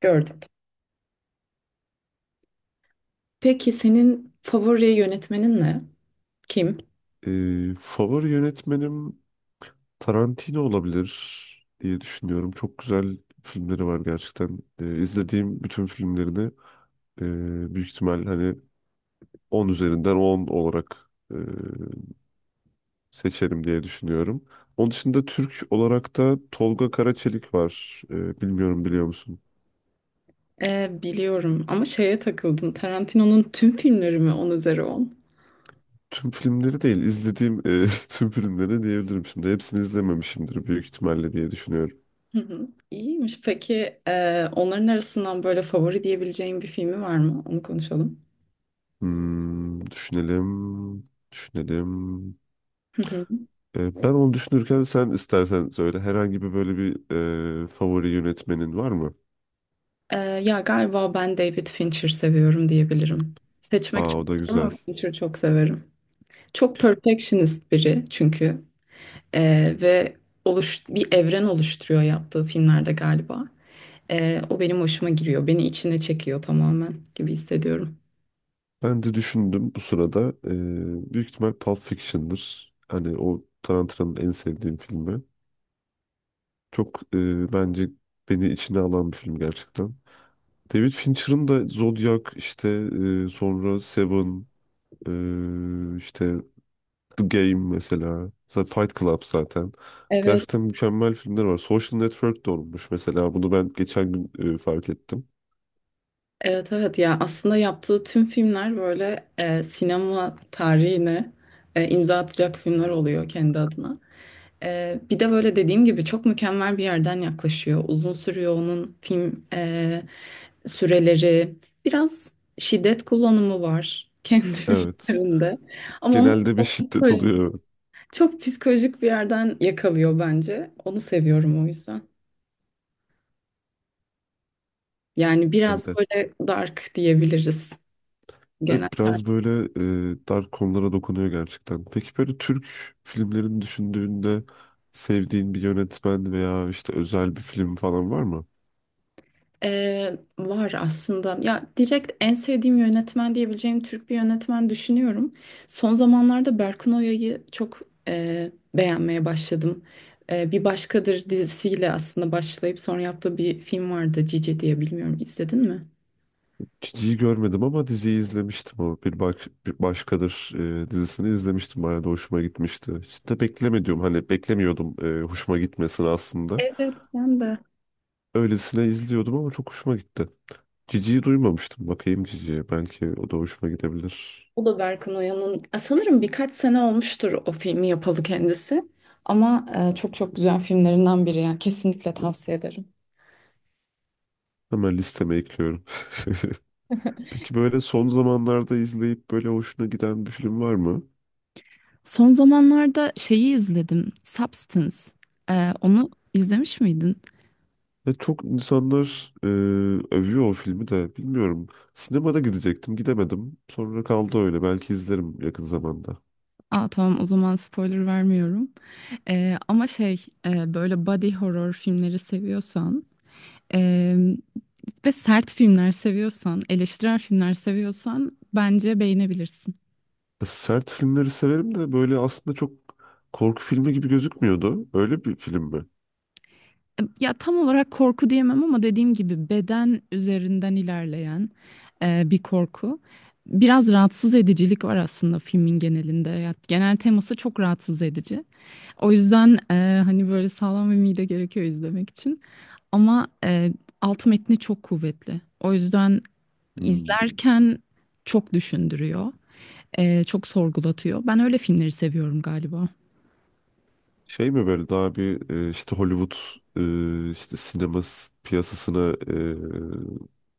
Gördüm. Peki senin favori yönetmenin ne? Kim? Favori yönetmenim Tarantino olabilir diye düşünüyorum. Çok güzel filmleri var gerçekten. İzlediğim bütün filmlerini büyük ihtimal hani 10 üzerinden 10 olarak seçerim diye düşünüyorum. Onun dışında Türk olarak da Tolga Karaçelik var. Bilmiyorum biliyor musun? Biliyorum ama şeye takıldım. Tarantino'nun tüm filmleri mi 10 üzeri 10. Tüm filmleri değil, izlediğim tüm filmleri diyebilirim şimdi. Hepsini izlememişimdir büyük ihtimalle diye düşünüyorum. Hı hı. İyiymiş. Peki onların arasından böyle favori diyebileceğin bir filmi var mı? Onu konuşalım. Düşünelim, düşünelim. Hı hı. Ben onu düşünürken sen istersen söyle. Herhangi bir böyle bir favori yönetmenin var mı? Ya galiba ben David Fincher seviyorum diyebilirim. Seçmek Aa, o çok da zor ama güzel. Fincher'ı çok severim. Çok perfectionist biri çünkü ve bir evren oluşturuyor yaptığı filmlerde galiba. O benim hoşuma giriyor. Beni içine çekiyor tamamen gibi hissediyorum. Ben de düşündüm bu sırada. Büyük ihtimal Pulp Fiction'dır. Hani o Tarantino'nun en sevdiğim filmi. Çok bence beni içine alan bir film gerçekten. David Fincher'ın da Zodiac işte sonra Seven işte The Game mesela. Zaten Fight Club zaten. Evet, Gerçekten mükemmel filmler var. Social Network de olmuş mesela. Bunu ben geçen gün fark ettim. evet, evet. Ya aslında yaptığı tüm filmler böyle sinema tarihine imza atacak filmler oluyor kendi adına. Bir de böyle dediğim gibi çok mükemmel bir yerden yaklaşıyor. Uzun sürüyor onun film süreleri. Biraz şiddet kullanımı var kendi Evet. filmlerinde. Ama onu Genelde bir çok, şiddet oluyor, evet, çok psikolojik bir yerden yakalıyor bence. Onu seviyorum o yüzden. Yani biraz bende. böyle dark diyebiliriz genel Evet, tarz. biraz böyle dar konulara dokunuyor gerçekten. Peki böyle Türk filmlerini düşündüğünde sevdiğin bir yönetmen veya işte özel bir film falan var mı? Var aslında. Ya direkt en sevdiğim yönetmen diyebileceğim Türk bir yönetmen düşünüyorum. Son zamanlarda Berkun Oya'yı çok beğenmeye başladım. Bir Başkadır dizisiyle aslında başlayıp sonra yaptığı bir film vardı Cici diye bilmiyorum izledin mi? Diziyi görmedim ama diziyi izlemiştim o. Bir, bak, bir Başkadır dizisini izlemiştim. Bayağı da hoşuma gitmişti. Hiç de beklemediğim, hani beklemiyordum hoşuma gitmesini aslında. Evet ben de. Öylesine izliyordum ama çok hoşuma gitti. Cici'yi duymamıştım. Bakayım Cici'ye. Belki o da hoşuma gidebilir. O da Berkun Oya'nın sanırım birkaç sene olmuştur o filmi yapalı kendisi. Ama çok çok güzel filmlerinden biri yani kesinlikle tavsiye ederim. Hemen listeme ekliyorum. Peki böyle son zamanlarda izleyip böyle hoşuna giden bir film var mı? Son zamanlarda şeyi izledim. Substance. Onu izlemiş miydin? Ve çok insanlar övüyor o filmi de, bilmiyorum. Sinemada gidecektim, gidemedim. Sonra kaldı öyle, belki izlerim yakın zamanda. Aa tamam, o zaman spoiler vermiyorum. Ama şey böyle body horror filmleri seviyorsan e, ve sert filmler seviyorsan, eleştirel filmler seviyorsan bence beğenebilirsin. Sert filmleri severim de böyle aslında çok korku filmi gibi gözükmüyordu. Öyle bir film mi? Ya tam olarak korku diyemem ama dediğim gibi beden üzerinden ilerleyen bir korku. Biraz rahatsız edicilik var aslında filmin genelinde. Ya, genel teması çok rahatsız edici. O yüzden hani böyle sağlam bir mide gerekiyor izlemek için. Ama alt metni çok kuvvetli. O yüzden Hmm. izlerken çok düşündürüyor, çok sorgulatıyor. Ben öyle filmleri seviyorum galiba. Şey mi, böyle daha bir işte Hollywood işte sinema piyasasına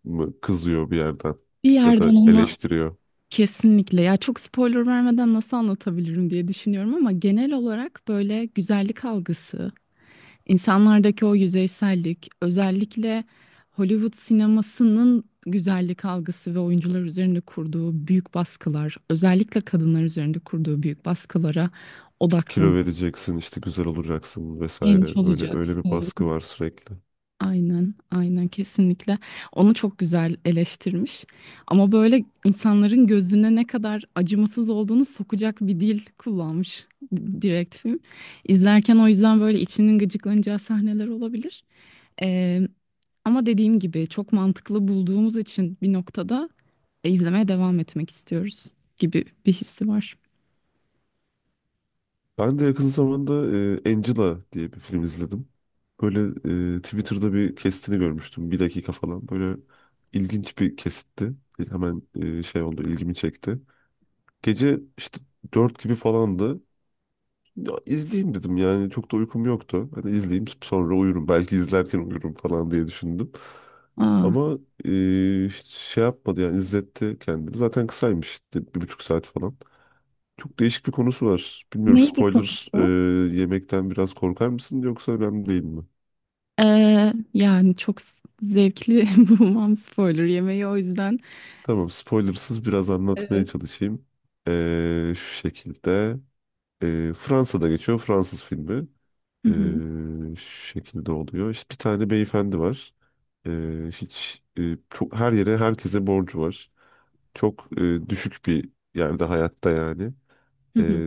mı kızıyor bir yerden, Bir ya da yerden onu eleştiriyor? kesinlikle ya, çok spoiler vermeden nasıl anlatabilirim diye düşünüyorum ama genel olarak böyle güzellik algısı, İnsanlardaki o yüzeysellik, özellikle Hollywood sinemasının güzellik algısı ve oyuncular üzerinde kurduğu büyük baskılar, özellikle kadınlar üzerinde kurduğu büyük baskılara İşte kilo odaklan. vereceksin, işte güzel olacaksın Genç vesaire. Böyle öyle bir olacaksın. baskı var sürekli. Aynen, aynen, kesinlikle. Onu çok güzel eleştirmiş. Ama böyle insanların gözüne ne kadar acımasız olduğunu sokacak bir dil kullanmış direkt film. İzlerken o yüzden böyle içinin gıcıklanacağı sahneler olabilir. Ee, Ama dediğim gibi çok mantıklı bulduğumuz için bir noktada izlemeye devam etmek istiyoruz gibi bir hissi var. Ben de yakın zamanda Angela diye bir film izledim. Böyle Twitter'da bir kestini görmüştüm. Bir dakika falan. Böyle ilginç bir kesitti. Hemen şey oldu, ilgimi çekti. Gece işte 4 gibi falandı. Ya, izleyeyim dedim, yani çok da uykum yoktu. Hani izleyeyim, sonra uyurum. Belki izlerken uyurum falan diye düşündüm. Aa. Ama e, hiç şey yapmadı, yani izletti kendini. Zaten kısaymış, işte 1,5 saat falan. Çok değişik bir konusu var. Bilmiyorum, Neydi spoiler konusu? Yemekten biraz korkar mısın, yoksa önemli değil mi? Yani çok zevkli bulmam spoiler yemeği o yüzden. Tamam, spoilersız biraz anlatmaya Evet. çalışayım. Şu şekilde Fransa'da geçiyor, Fransız filmi. Hı E, hı, şu şekilde oluyor. İşte bir tane beyefendi var. E, hiç çok her yere, herkese borcu var. Çok düşük bir yerde hayatta, yani. hı E, hı.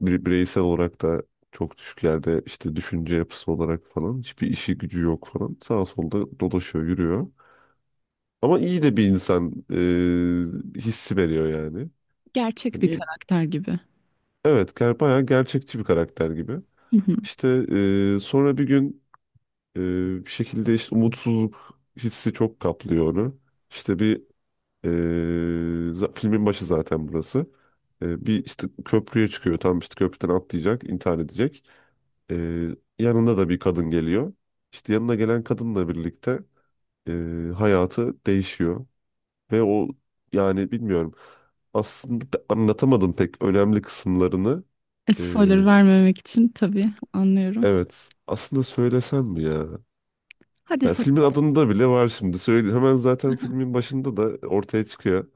bireysel olarak da çok düşük yerde, işte düşünce yapısı olarak falan, hiçbir işi gücü yok falan, sağa solda dolaşıyor, yürüyor. Ama iyi de bir insan hissi veriyor yani. Gerçek Hani bir iyi, karakter gibi. evet, bayağı gerçekçi bir karakter gibi. Hı hı. İşte sonra bir gün e, bir şekilde işte umutsuzluk hissi çok kaplıyor onu. İşte e, filmin başı zaten burası. Bir işte köprüye çıkıyor. Tam işte köprüden atlayacak, intihar edecek. Ee, yanında da bir kadın geliyor. İşte yanına gelen kadınla birlikte e, hayatı değişiyor. Ve o, yani bilmiyorum. Aslında da anlatamadım pek önemli kısımlarını. Ee, Spoiler vermemek için tabii anlıyorum. evet aslında söylesem mi ya? Hadi Yani söyle. filmin adında bile var şimdi. Söyle, hemen zaten filmin başında da ortaya çıkıyor.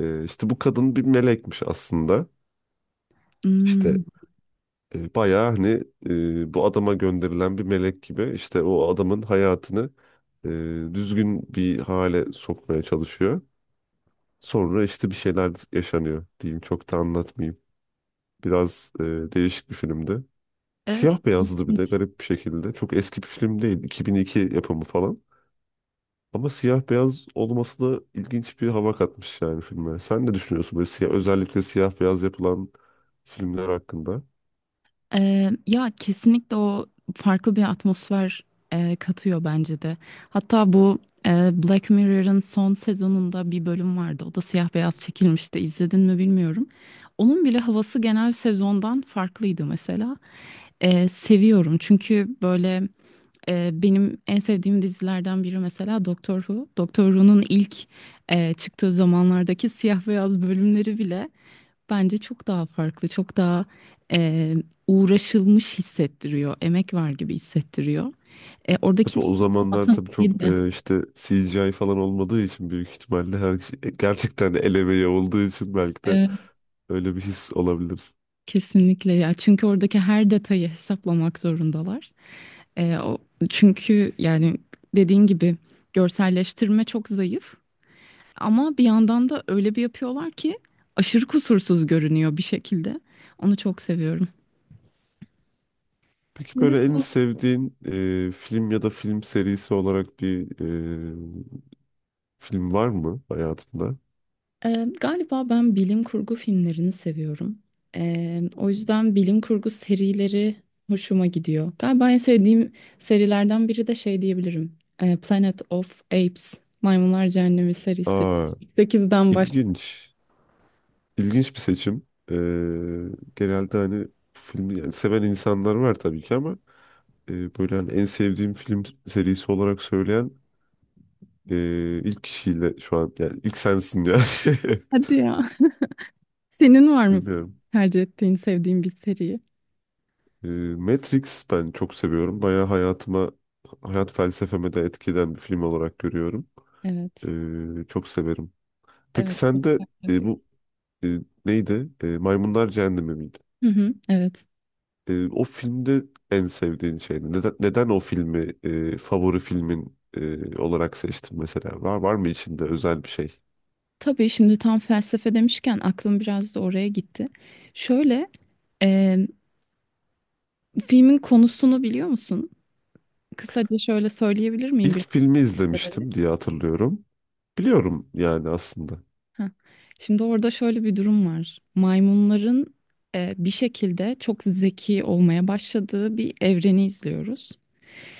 İşte bu kadın bir melekmiş aslında. Hmm, İşte bayağı hani bu adama gönderilen bir melek gibi, işte o adamın hayatını e, düzgün bir hale sokmaya çalışıyor. Sonra işte bir şeyler yaşanıyor diyeyim, çok da anlatmayayım. Biraz değişik bir filmdi. evet. Siyah beyazdı bir de, garip bir şekilde. Çok eski bir film değil, 2002 yapımı falan. Ama siyah beyaz olması da ilginç bir hava katmış yani filme. Sen ne düşünüyorsun böyle siyah, özellikle siyah beyaz yapılan filmler hakkında? Ya kesinlikle o farklı bir atmosfer katıyor bence de. Hatta bu Black Mirror'ın son sezonunda bir bölüm vardı. O da siyah beyaz çekilmişti. İzledin mi bilmiyorum. Onun bile havası genel sezondan farklıydı mesela. Seviyorum çünkü böyle benim en sevdiğim dizilerden biri mesela Doctor Who. Doctor Who'nun ilk çıktığı zamanlardaki siyah beyaz bölümleri bile. Bence çok daha farklı, çok daha e, uğraşılmış hissettiriyor, emek var gibi hissettiriyor. Oradaki Tabii o zamanlar, tabii matematiği çok de işte CGI falan olmadığı için, büyük ihtimalle her şey gerçekten el emeği olduğu için, belki de evet, öyle bir his olabilir. kesinlikle ya, çünkü oradaki her detayı hesaplamak zorundalar. E, o, Çünkü yani dediğin gibi görselleştirme çok zayıf ama bir yandan da öyle bir yapıyorlar ki aşırı kusursuz görünüyor bir şekilde. Onu çok seviyorum. Peki Şimdi böyle en sen- sevdiğin film ya da film serisi olarak bir e, film var mı hayatında? Galiba ben bilim kurgu filmlerini seviyorum. O yüzden bilim kurgu serileri hoşuma gidiyor. Galiba en sevdiğim serilerden biri de şey diyebilirim. Planet of Apes, Maymunlar Cehennemi serisi. Aa, 8'den baş. ilginç. İlginç bir seçim. Genelde hani filmi yani seven insanlar var tabii ki, ama e, böyle hani en sevdiğim film serisi olarak söyleyen ilk kişiyle şu an, yani ilk sensin ya. Hadi ya. Senin var mı Bilmiyorum. tercih ettiğin, sevdiğin bir seri? Ee, Matrix ben çok seviyorum. Bayağı hayatıma, hayat felsefeme de etkilen bir film olarak görüyorum. Evet. Çok severim. Peki Evet, çok sen de felsefik. bu e, neydi? Maymunlar Cehennemi miydi? Hı hı, evet. O filmde en sevdiğin şey ne? Neden o filmi favori filmin olarak seçtin mesela? Var mı içinde özel bir şey? Tabii şimdi tam felsefe demişken aklım biraz da oraya gitti. Şöyle, eee, filmin konusunu biliyor musun? Kısaca şöyle söyleyebilir miyim bir İlk filmi şeyleri? izlemiştim diye hatırlıyorum. Biliyorum yani aslında. Heh. Şimdi orada şöyle bir durum var. Maymunların bir şekilde çok zeki olmaya başladığı bir evreni izliyoruz.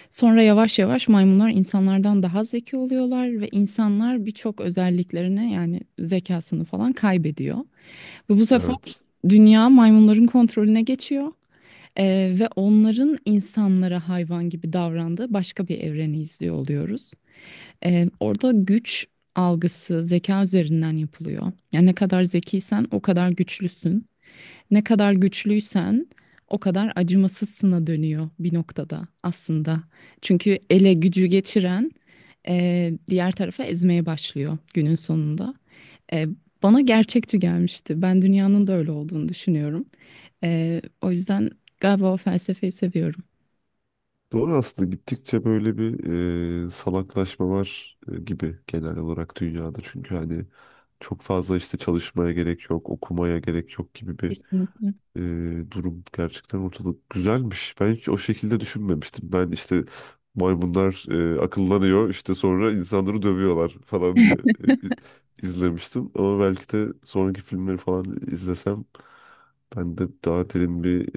Sonra yavaş yavaş maymunlar insanlardan daha zeki oluyorlar ve insanlar birçok özelliklerini yani zekasını falan kaybediyor. Ve bu sefer Evet. dünya maymunların kontrolüne geçiyor e, ve onların insanlara hayvan gibi davrandığı başka bir evreni izliyor oluyoruz. Orada güç algısı zeka üzerinden yapılıyor. Yani ne kadar zekiysen o kadar güçlüsün. Ne kadar güçlüysen o kadar acımasızsına dönüyor bir noktada aslında. Çünkü ele gücü geçiren diğer tarafa ezmeye başlıyor günün sonunda. E, Bana gerçekçi gelmişti. Ben dünyanın da öyle olduğunu düşünüyorum. O yüzden galiba o felsefeyi seviyorum. Doğru, aslında gittikçe böyle bir salaklaşma var gibi, genel olarak dünyada. Çünkü hani çok fazla işte çalışmaya gerek yok, okumaya gerek yok gibi bir Kesinlikle. e, durum. Gerçekten ortalık güzelmiş. Ben hiç o şekilde düşünmemiştim. Ben işte maymunlar akıllanıyor, işte sonra insanları dövüyorlar falan diye e, i- izlemiştim. Ama belki de sonraki filmleri falan izlesem, ben de daha derin bir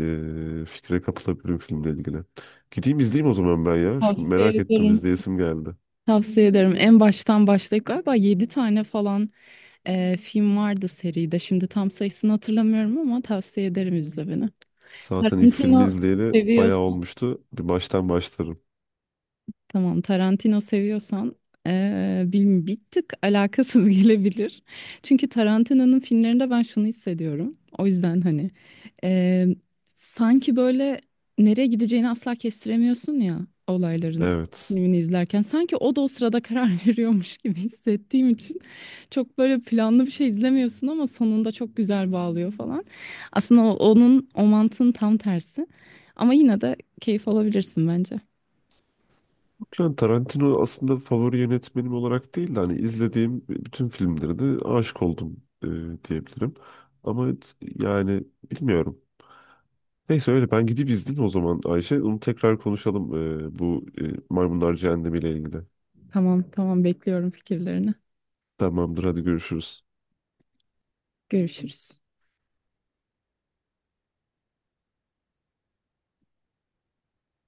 fikre kapılabilirim filmle ilgili. Gideyim izleyeyim o zaman ben ya. Şu Tavsiye merak ettim, ederim. izleyesim geldi. Tavsiye ederim. En baştan başlayıp galiba 7 tane falan film vardı seride. Şimdi tam sayısını hatırlamıyorum ama tavsiye ederim izlemeni. Zaten ilk filmi Tarantino izleyeli bayağı seviyorsan, olmuştu. Bir baştan başlarım. tamam, Tarantino seviyorsan bilmiyorum bir tık alakasız gelebilir. Çünkü Tarantino'nun filmlerinde ben şunu hissediyorum. O yüzden hani e, sanki böyle nereye gideceğini asla kestiremiyorsun ya olayların Evet. filmini izlerken. Sanki o da o sırada karar veriyormuş gibi hissettiğim için. Çok böyle planlı bir şey izlemiyorsun ama sonunda çok güzel bağlıyor falan. Aslında onun o mantığın tam tersi ama yine de keyif alabilirsin bence. Yani Tarantino aslında favori yönetmenim olarak değil de, hani izlediğim bütün filmlere de aşık oldum diyebilirim. Ama yani bilmiyorum. Neyse, öyle ben gidip izledim o zaman Ayşe. Onu tekrar konuşalım bu Maymunlar Cehennemi ile ilgili. Tamam tamam bekliyorum fikirlerini. Tamamdır, hadi görüşürüz. Görüşürüz.